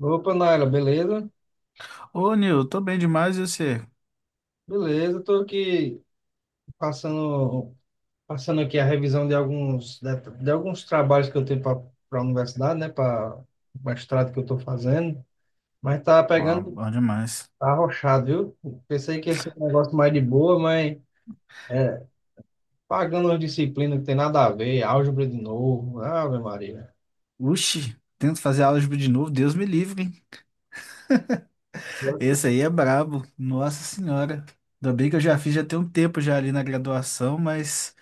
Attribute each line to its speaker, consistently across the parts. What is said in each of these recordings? Speaker 1: Opa, Naila, beleza?
Speaker 2: Ô, Nil, tô bem demais e você?
Speaker 1: Beleza, estou aqui passando, aqui a revisão de alguns trabalhos que eu tenho para a universidade, né? Para o mestrado que eu estou fazendo, mas tá
Speaker 2: Ó,
Speaker 1: pegando,
Speaker 2: bom demais.
Speaker 1: tá arrochado, viu? Pensei que ia ser um negócio mais de boa, mas é, pagando uma disciplina que tem nada a ver, álgebra de novo, Ave Maria.
Speaker 2: Uxi, tento fazer álgebra de novo, Deus me livre, hein?
Speaker 1: Eu que
Speaker 2: Esse aí é brabo, nossa senhora. Ainda bem que eu já fiz já tem um tempo já ali na graduação, mas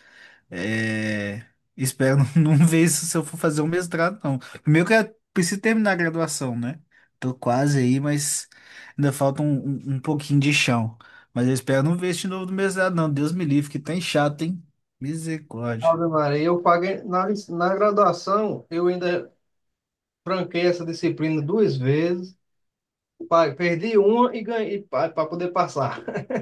Speaker 2: é, espero não ver isso se eu for fazer um mestrado, não. Primeiro que eu preciso terminar a graduação, né? Tô quase aí, mas ainda falta um pouquinho de chão. Mas eu espero não ver isso de novo do mestrado, não. Deus me livre, que tá chato, hein? Misericórdia.
Speaker 1: Ave Maria, eu paguei lic- na graduação, eu ainda franquei essa disciplina 2 vezes. Pai, perdi uma e ganhei para poder passar.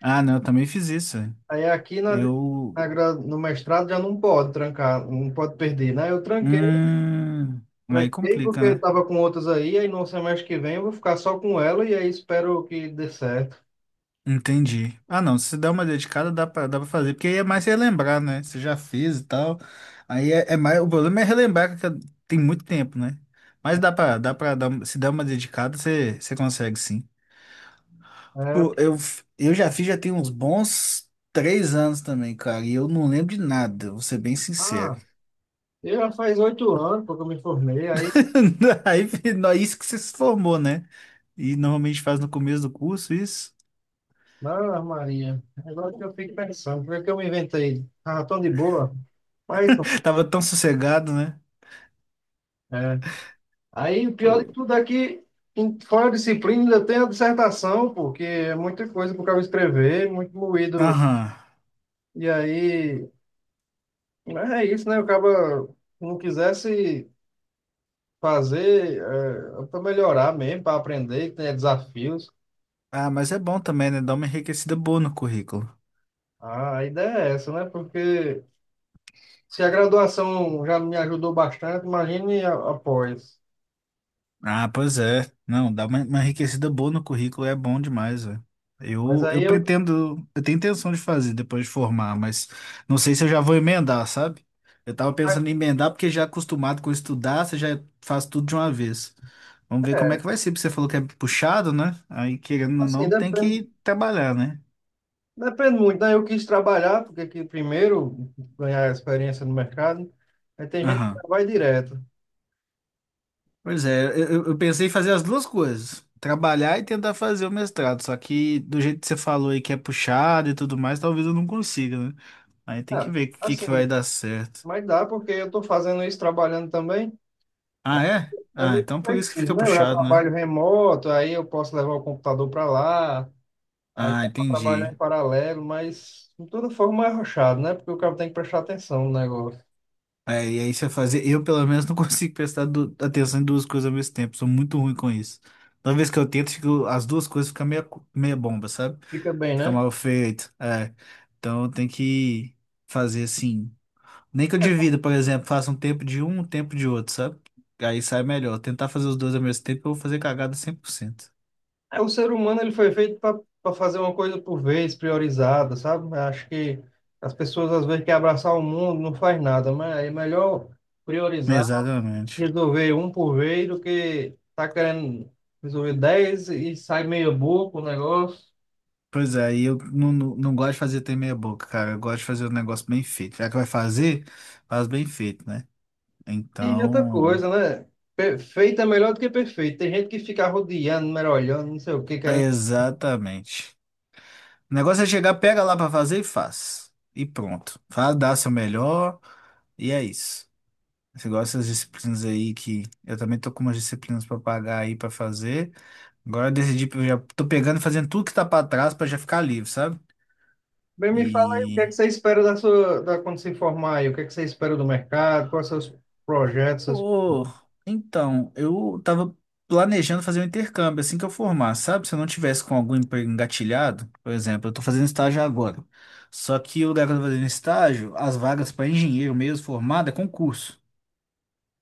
Speaker 2: Ah, não, eu também fiz isso.
Speaker 1: Aí aqui na,
Speaker 2: Eu.
Speaker 1: na gra- no mestrado já não pode trancar, não pode perder, né? Eu tranquei,
Speaker 2: Hum, aí complica,
Speaker 1: porque eu
Speaker 2: né?
Speaker 1: estava com outras aí no semestre que vem eu vou ficar só com ela e aí espero que dê certo.
Speaker 2: Entendi. Ah, não, se der uma dedicada, dá pra fazer, porque aí é mais relembrar, né? Você já fez e tal. Aí é, é mais. O problema é relembrar que tem muito tempo, né? Mas dá pra dar, se der uma dedicada, você consegue sim.
Speaker 1: É,
Speaker 2: Pô, eu, f- eu já fiz, já tem uns bons três anos também, cara, e eu não lembro de nada, vou ser bem sincero.
Speaker 1: ah, eu já faz 8 anos porque eu me formei, aí
Speaker 2: Aí, fi- nó- isso que você se formou, né? E normalmente faz no começo do curso, isso.
Speaker 1: na Maria. Agora que eu fico pensando, porque que eu me inventei? Ah, tão de boa, mas
Speaker 2: Tava tão sossegado, né?
Speaker 1: é, aí o pior de
Speaker 2: O-
Speaker 1: tudo é que em- fora a disciplina ainda tem a dissertação, porque é muita coisa para o cara escrever, muito moído.
Speaker 2: Aham.
Speaker 1: E aí, mas é isso, né? O cara não quisesse fazer para melhorar mesmo, para aprender, que tenha desafios.
Speaker 2: Ah, mas é bom também, né? Dá uma enriquecida boa no currículo.
Speaker 1: Ah, a ideia é essa, né? Porque se a graduação já me ajudou bastante, imagine a- após.
Speaker 2: Ah, pois é. Não, dá uma enriquecida boa no currículo é bom demais, velho.
Speaker 1: Mas
Speaker 2: Eu
Speaker 1: aí eu,
Speaker 2: pretendo, eu tenho intenção de fazer depois de formar, mas não sei se eu já vou emendar, sabe? Eu tava pensando em emendar porque já acostumado com estudar, você já faz tudo de uma vez. Vamos ver como é que vai ser, porque você falou que é puxado, né? Aí, querendo ou não, tem
Speaker 1: depende,
Speaker 2: que trabalhar, né?
Speaker 1: depende muito, né? Eu quis trabalhar, porque aqui primeiro ganhar experiência no mercado. Aí tem gente que já
Speaker 2: Aham.
Speaker 1: vai direto.
Speaker 2: Pois é, eu pensei em fazer as duas coisas, trabalhar e tentar fazer o mestrado, só que do jeito que você falou aí que é puxado e tudo mais, talvez eu não consiga, né? Aí tem que
Speaker 1: Ah,
Speaker 2: ver o que que
Speaker 1: assim,
Speaker 2: vai dar certo.
Speaker 1: mas dá, porque eu estou fazendo isso trabalhando também.
Speaker 2: Ah, é?
Speaker 1: É
Speaker 2: Ah,
Speaker 1: meio
Speaker 2: então por isso que
Speaker 1: flexível,
Speaker 2: fica
Speaker 1: né? Eu já
Speaker 2: puxado, né?
Speaker 1: trabalho remoto, aí eu posso levar o computador para lá, aí
Speaker 2: Ah,
Speaker 1: dá para trabalhar
Speaker 2: entendi.
Speaker 1: em paralelo, mas de toda forma é arrochado, né? Porque o cara tem que prestar atenção no negócio.
Speaker 2: É, e aí você fazer, eu pelo menos não consigo prestar du- atenção em duas coisas ao mesmo tempo, sou muito ruim com isso. Toda vez que eu tento, fico- as duas coisas ficam meia, co- meia bomba, sabe?
Speaker 1: Fica bem,
Speaker 2: Fica
Speaker 1: né?
Speaker 2: mal feito, é. Então tem que fazer assim. Nem que eu divida, por exemplo, faça um tempo de um, um tempo de outro, sabe? Aí sai melhor. Tentar fazer os dois ao mesmo tempo, eu vou fazer cagada cem por cento.
Speaker 1: É, o ser humano ele foi feito para fazer uma coisa por vez, priorizada, sabe? Acho que as pessoas às vezes querem abraçar o mundo, não faz nada, mas é melhor priorizar,
Speaker 2: Exatamente.
Speaker 1: resolver um por vez do que tá querendo resolver dez e sai meia boca o negócio.
Speaker 2: Pois é, e eu não gosto de fazer ter meia boca, cara. Eu gosto de fazer um negócio bem feito. Já que vai fazer, faz bem feito, né?
Speaker 1: E outra
Speaker 2: Então,
Speaker 1: coisa, né? Perfeito é melhor do que perfeito. Tem gente que fica rodeando, mergulhando, não sei o que, querendo.
Speaker 2: exatamente. O negócio é chegar, pega lá pra fazer e faz. E pronto. Faz, dá seu melhor e é isso. Você gosta das disciplinas aí que eu também tô com umas disciplinas pra pagar aí pra fazer. Agora eu decidi, eu já tô pegando e fazendo tudo que tá pra trás pra já ficar livre, sabe?
Speaker 1: Bem, me fala aí o que é que
Speaker 2: E
Speaker 1: você espera quando se formar aí, o que é que você espera do mercado, quais são os seus projetos, seus...
Speaker 2: pô, então, eu tava planejando fazer um intercâmbio assim que eu formar, sabe? Se eu não tivesse com algum emprego engatilhado, por exemplo, eu tô fazendo estágio agora. Só que o lugar que eu tô fazendo estágio, as vagas pra engenheiro mesmo formado é concurso.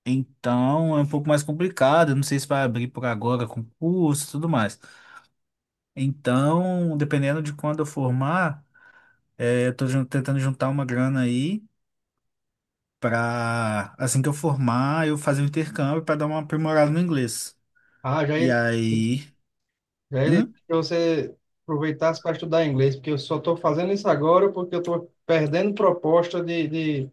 Speaker 2: Então é um pouco mais complicado. Eu Não sei se vai abrir por agora concurso e tudo mais. Então, dependendo de quando eu formar, é, eu tô jun- tentando juntar uma grana aí para assim que eu formar, eu fazer um intercâmbio para dar uma aprimorada no inglês.
Speaker 1: Ah, já
Speaker 2: E aí,
Speaker 1: Já ele
Speaker 2: hum,
Speaker 1: disse que você aproveitasse para estudar inglês, porque eu só estou fazendo isso agora porque eu estou perdendo proposta de, de,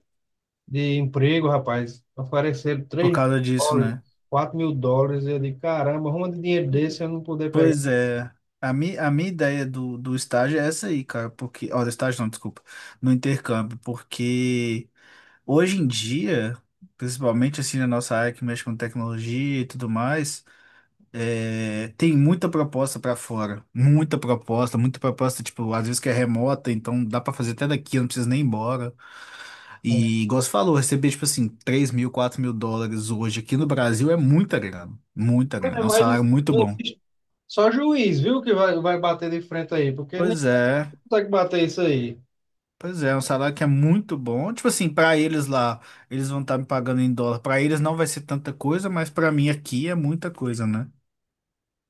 Speaker 1: de emprego, rapaz. Ofereceram
Speaker 2: por
Speaker 1: três mil
Speaker 2: causa disso,
Speaker 1: dólares,
Speaker 2: né?
Speaker 1: US$ 4.000. Eu digo, caramba, arruma de dinheiro desse eu não poder pegar.
Speaker 2: Pois é. A, mi, a minha ideia do estágio é essa aí, cara, porque. Ó, do estágio não, desculpa. No intercâmbio, porque. Hoje em dia, principalmente assim na nossa área que mexe com tecnologia e tudo mais, é, tem muita proposta para fora, muita proposta, tipo, às vezes que é remota, então dá para fazer até daqui, não precisa nem ir embora. E, igual você falou, receber, tipo assim, 3 mil, 4 mil dólares hoje aqui no Brasil é muita
Speaker 1: Mas é
Speaker 2: grana, é um
Speaker 1: mais, não
Speaker 2: salário muito bom.
Speaker 1: existe. Só juiz, viu, que vai bater de frente aí, porque nem
Speaker 2: Pois é,
Speaker 1: consegue bater isso aí.
Speaker 2: pois é, é um salário que é muito bom. Tipo assim, para eles lá, eles vão estar me pagando em dólar. Para eles não vai ser tanta coisa, mas para mim aqui é muita coisa, né?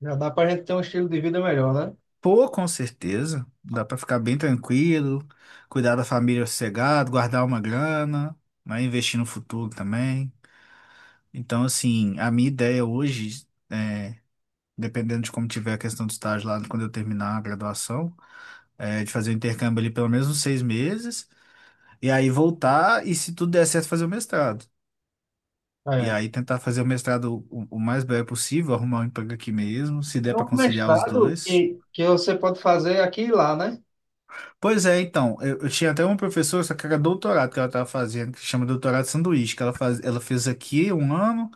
Speaker 1: Já dá para a gente ter um estilo de vida melhor, né?
Speaker 2: Pô, com certeza. Dá pra ficar bem tranquilo, cuidar da família sossegado, guardar uma grana, né? Investir no futuro também. Então, assim, a minha ideia hoje é, dependendo de como tiver a questão do estágio lá quando eu terminar a graduação, é de fazer o intercâmbio ali pelo menos uns seis meses, e aí voltar e, se tudo der certo, fazer o mestrado. E
Speaker 1: É.
Speaker 2: aí tentar fazer o mestrado o mais breve possível, arrumar um emprego aqui mesmo, se der
Speaker 1: É
Speaker 2: pra
Speaker 1: um
Speaker 2: conciliar os
Speaker 1: mestrado
Speaker 2: dois.
Speaker 1: que você pode fazer aqui e lá, né?
Speaker 2: Pois é, então, eu tinha até uma professora, só que era doutorado que ela estava fazendo, que chama doutorado sanduíche, que ela, faz, ela fez aqui um ano,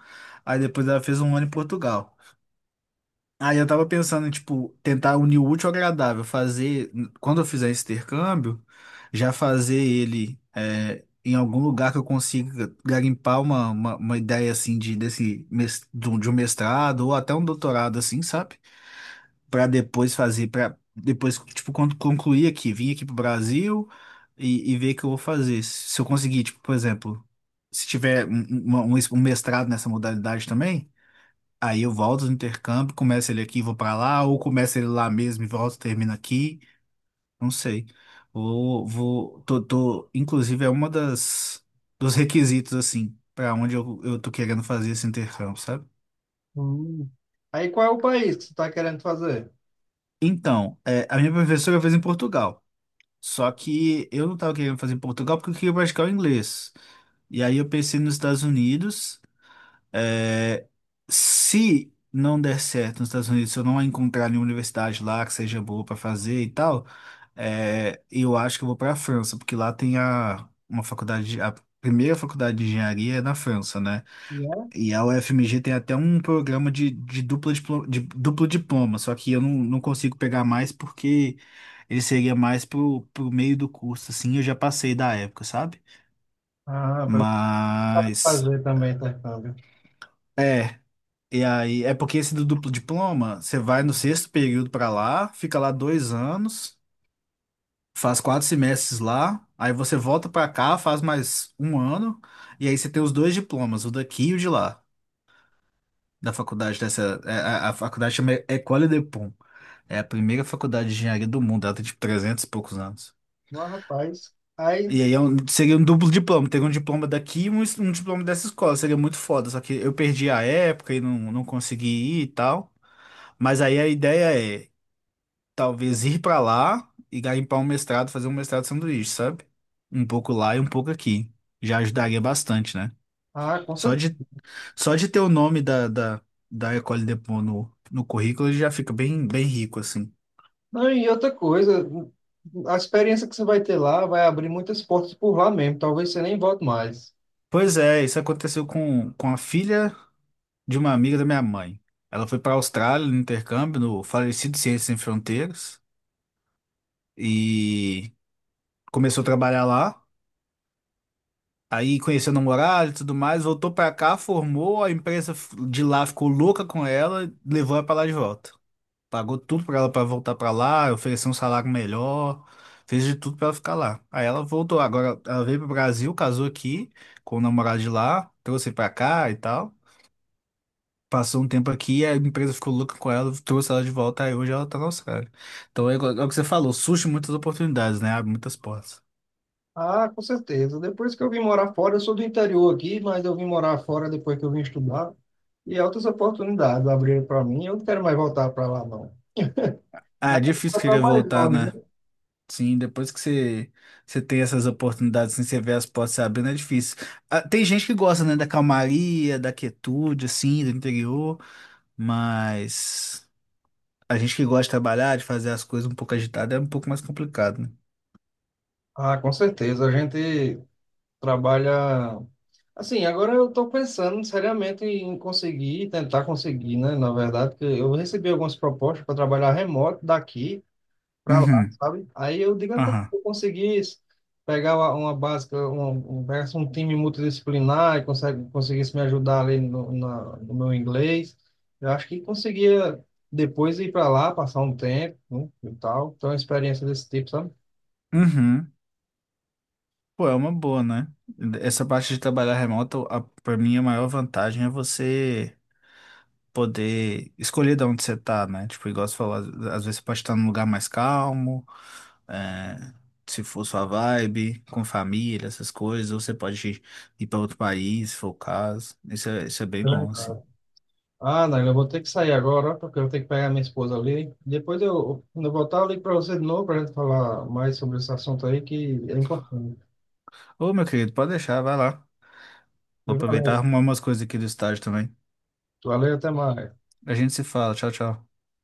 Speaker 2: aí depois ela fez um ano em Portugal. Aí eu tava pensando em, tipo, tentar unir o útil ao agradável, fazer, quando eu fizer esse intercâmbio, já fazer ele é, em algum lugar que eu consiga garimpar uma ideia, assim, de, desse, mes- de um mestrado ou até um doutorado, assim, sabe? Para depois fazer, para depois, tipo, quando concluir aqui, vim aqui pro Brasil e ver o que eu vou fazer. Se eu conseguir, tipo, por exemplo, se tiver um es- um mestrado nessa modalidade também, aí eu volto do intercâmbio, começo ele aqui e vou para lá, ou começo ele lá mesmo e volto, termino aqui, não sei. Tô, inclusive é uma das, dos requisitos, assim, para onde eu tô querendo fazer esse intercâmbio, sabe?
Speaker 1: Hum. Aí qual é o país que você está querendo fazer?
Speaker 2: Então, é, a minha professora fez em Portugal. Só que eu não tava querendo fazer em Portugal porque eu queria praticar o inglês. E aí eu pensei nos Estados Unidos. É, se não der certo nos Estados Unidos, se eu não encontrar nenhuma universidade lá que seja boa para fazer e tal, é, eu acho que eu vou para a França, porque lá tem a, uma faculdade, de- a primeira faculdade de engenharia é na França, né?
Speaker 1: E é?
Speaker 2: E a UFMG tem até um programa de, dupla diplo- de duplo diploma, só que eu não consigo pegar mais porque ele seria mais pro meio do curso, assim, eu já passei da época, sabe?
Speaker 1: Ah, para
Speaker 2: Mas,
Speaker 1: fazer também intercâmbio.
Speaker 2: é, e aí, é porque esse do duplo diploma, você vai no sexto período pra lá, fica lá dois anos, faz quatro semestres lá, aí você volta pra cá, faz mais um ano, e aí você tem os dois diplomas, o daqui e o de lá, da faculdade dessa, é, a faculdade chama École de. É a primeira faculdade de engenharia do mundo, ela tem tipo 300 e poucos anos.
Speaker 1: Mas, rapaz, aí,
Speaker 2: E aí é um- seria um duplo diploma, teria um diploma daqui e um, es- um diploma dessa escola, seria muito foda, só que eu perdi a época e não consegui ir e tal. Mas aí a ideia é talvez ir pra lá e garimpar um mestrado, fazer um mestrado de sanduíche, sabe? Um pouco lá e um pouco aqui. Já ajudaria bastante, né?
Speaker 1: ah, com
Speaker 2: Só
Speaker 1: certeza.
Speaker 2: de, só de ter o nome da École de Pau no currículo ele já fica bem, bem rico, assim.
Speaker 1: Não, e outra coisa, a experiência que você vai ter lá vai abrir muitas portas por lá mesmo. Talvez você nem volte mais.
Speaker 2: Pois é, isso aconteceu com a filha de uma amiga da minha mãe. Ela foi para a Austrália no intercâmbio, no falecido Ciências Sem Fronteiras, e começou a trabalhar lá. Aí conheceu o namorado e tudo mais, voltou para cá, formou, a empresa f- de lá ficou louca com ela, levou ela para lá de volta. Pagou tudo para ela para voltar para lá, ofereceu um salário melhor, fez de tudo para ela ficar lá. Aí ela voltou, agora ela veio para o Brasil, casou aqui com o namorado de lá, trouxe para cá e tal. Passou um tempo aqui, a empresa ficou louca com ela, trouxe ela de volta, aí hoje ela tá na Austrália. Então é, igual- é o que você falou, surge muitas oportunidades, né? Abre muitas portas.
Speaker 1: Ah, com certeza. Depois que eu vim morar fora, eu sou do interior aqui, mas eu vim morar fora depois que eu vim estudar. E é outras oportunidades abriram para mim. Eu não quero mais voltar para lá, não.
Speaker 2: Ah, é
Speaker 1: Daqui
Speaker 2: difícil
Speaker 1: para
Speaker 2: querer
Speaker 1: mais
Speaker 2: voltar,
Speaker 1: longe, né?
Speaker 2: né? Sim, depois que você, você tem essas oportunidades, assim, você vê as portas se abrindo, é difícil. Ah, tem gente que gosta, né, da calmaria, da quietude, assim, do interior, mas a gente que gosta de trabalhar, de fazer as coisas um pouco agitada, é um pouco mais complicado, né?
Speaker 1: Ah, com certeza. A gente trabalha Assim, agora eu estou pensando seriamente em conseguir, tentar conseguir, né? Na verdade, porque eu recebi algumas propostas para trabalhar remoto daqui para lá,
Speaker 2: Uhum,
Speaker 1: sabe? Aí eu digo, "Rapaz,
Speaker 2: aham,
Speaker 1: se eu conseguir isso, pegar uma básica, pegar um time multidisciplinar e conseguisse me ajudar ali no meu inglês, eu acho que conseguia depois ir para lá, passar um tempo, né? E tal. Então, uma experiência desse tipo, sabe?
Speaker 2: uhum. Pô, é uma boa, né? Essa parte de trabalhar remoto, a, pra mim, a maior vantagem é você poder escolher de onde você tá, né? Tipo, igual você falou, às vezes você pode estar num lugar mais calmo, é, se for sua vibe, com família, essas coisas, ou você pode ir pra outro país, se for o caso. Isso é bem bom, assim.
Speaker 1: Ah, Naila, eu vou ter que sair agora, porque eu tenho que pegar minha esposa ali. Depois eu, quando eu voltar, eu ligo para você de novo para a gente falar mais sobre esse assunto aí, que é importante.
Speaker 2: Ô, meu querido, pode deixar, vai lá. Vou aproveitar e
Speaker 1: Valeu,
Speaker 2: arrumar umas coisas aqui do estádio também.
Speaker 1: até mais.
Speaker 2: A gente se fala, tchau, tchau.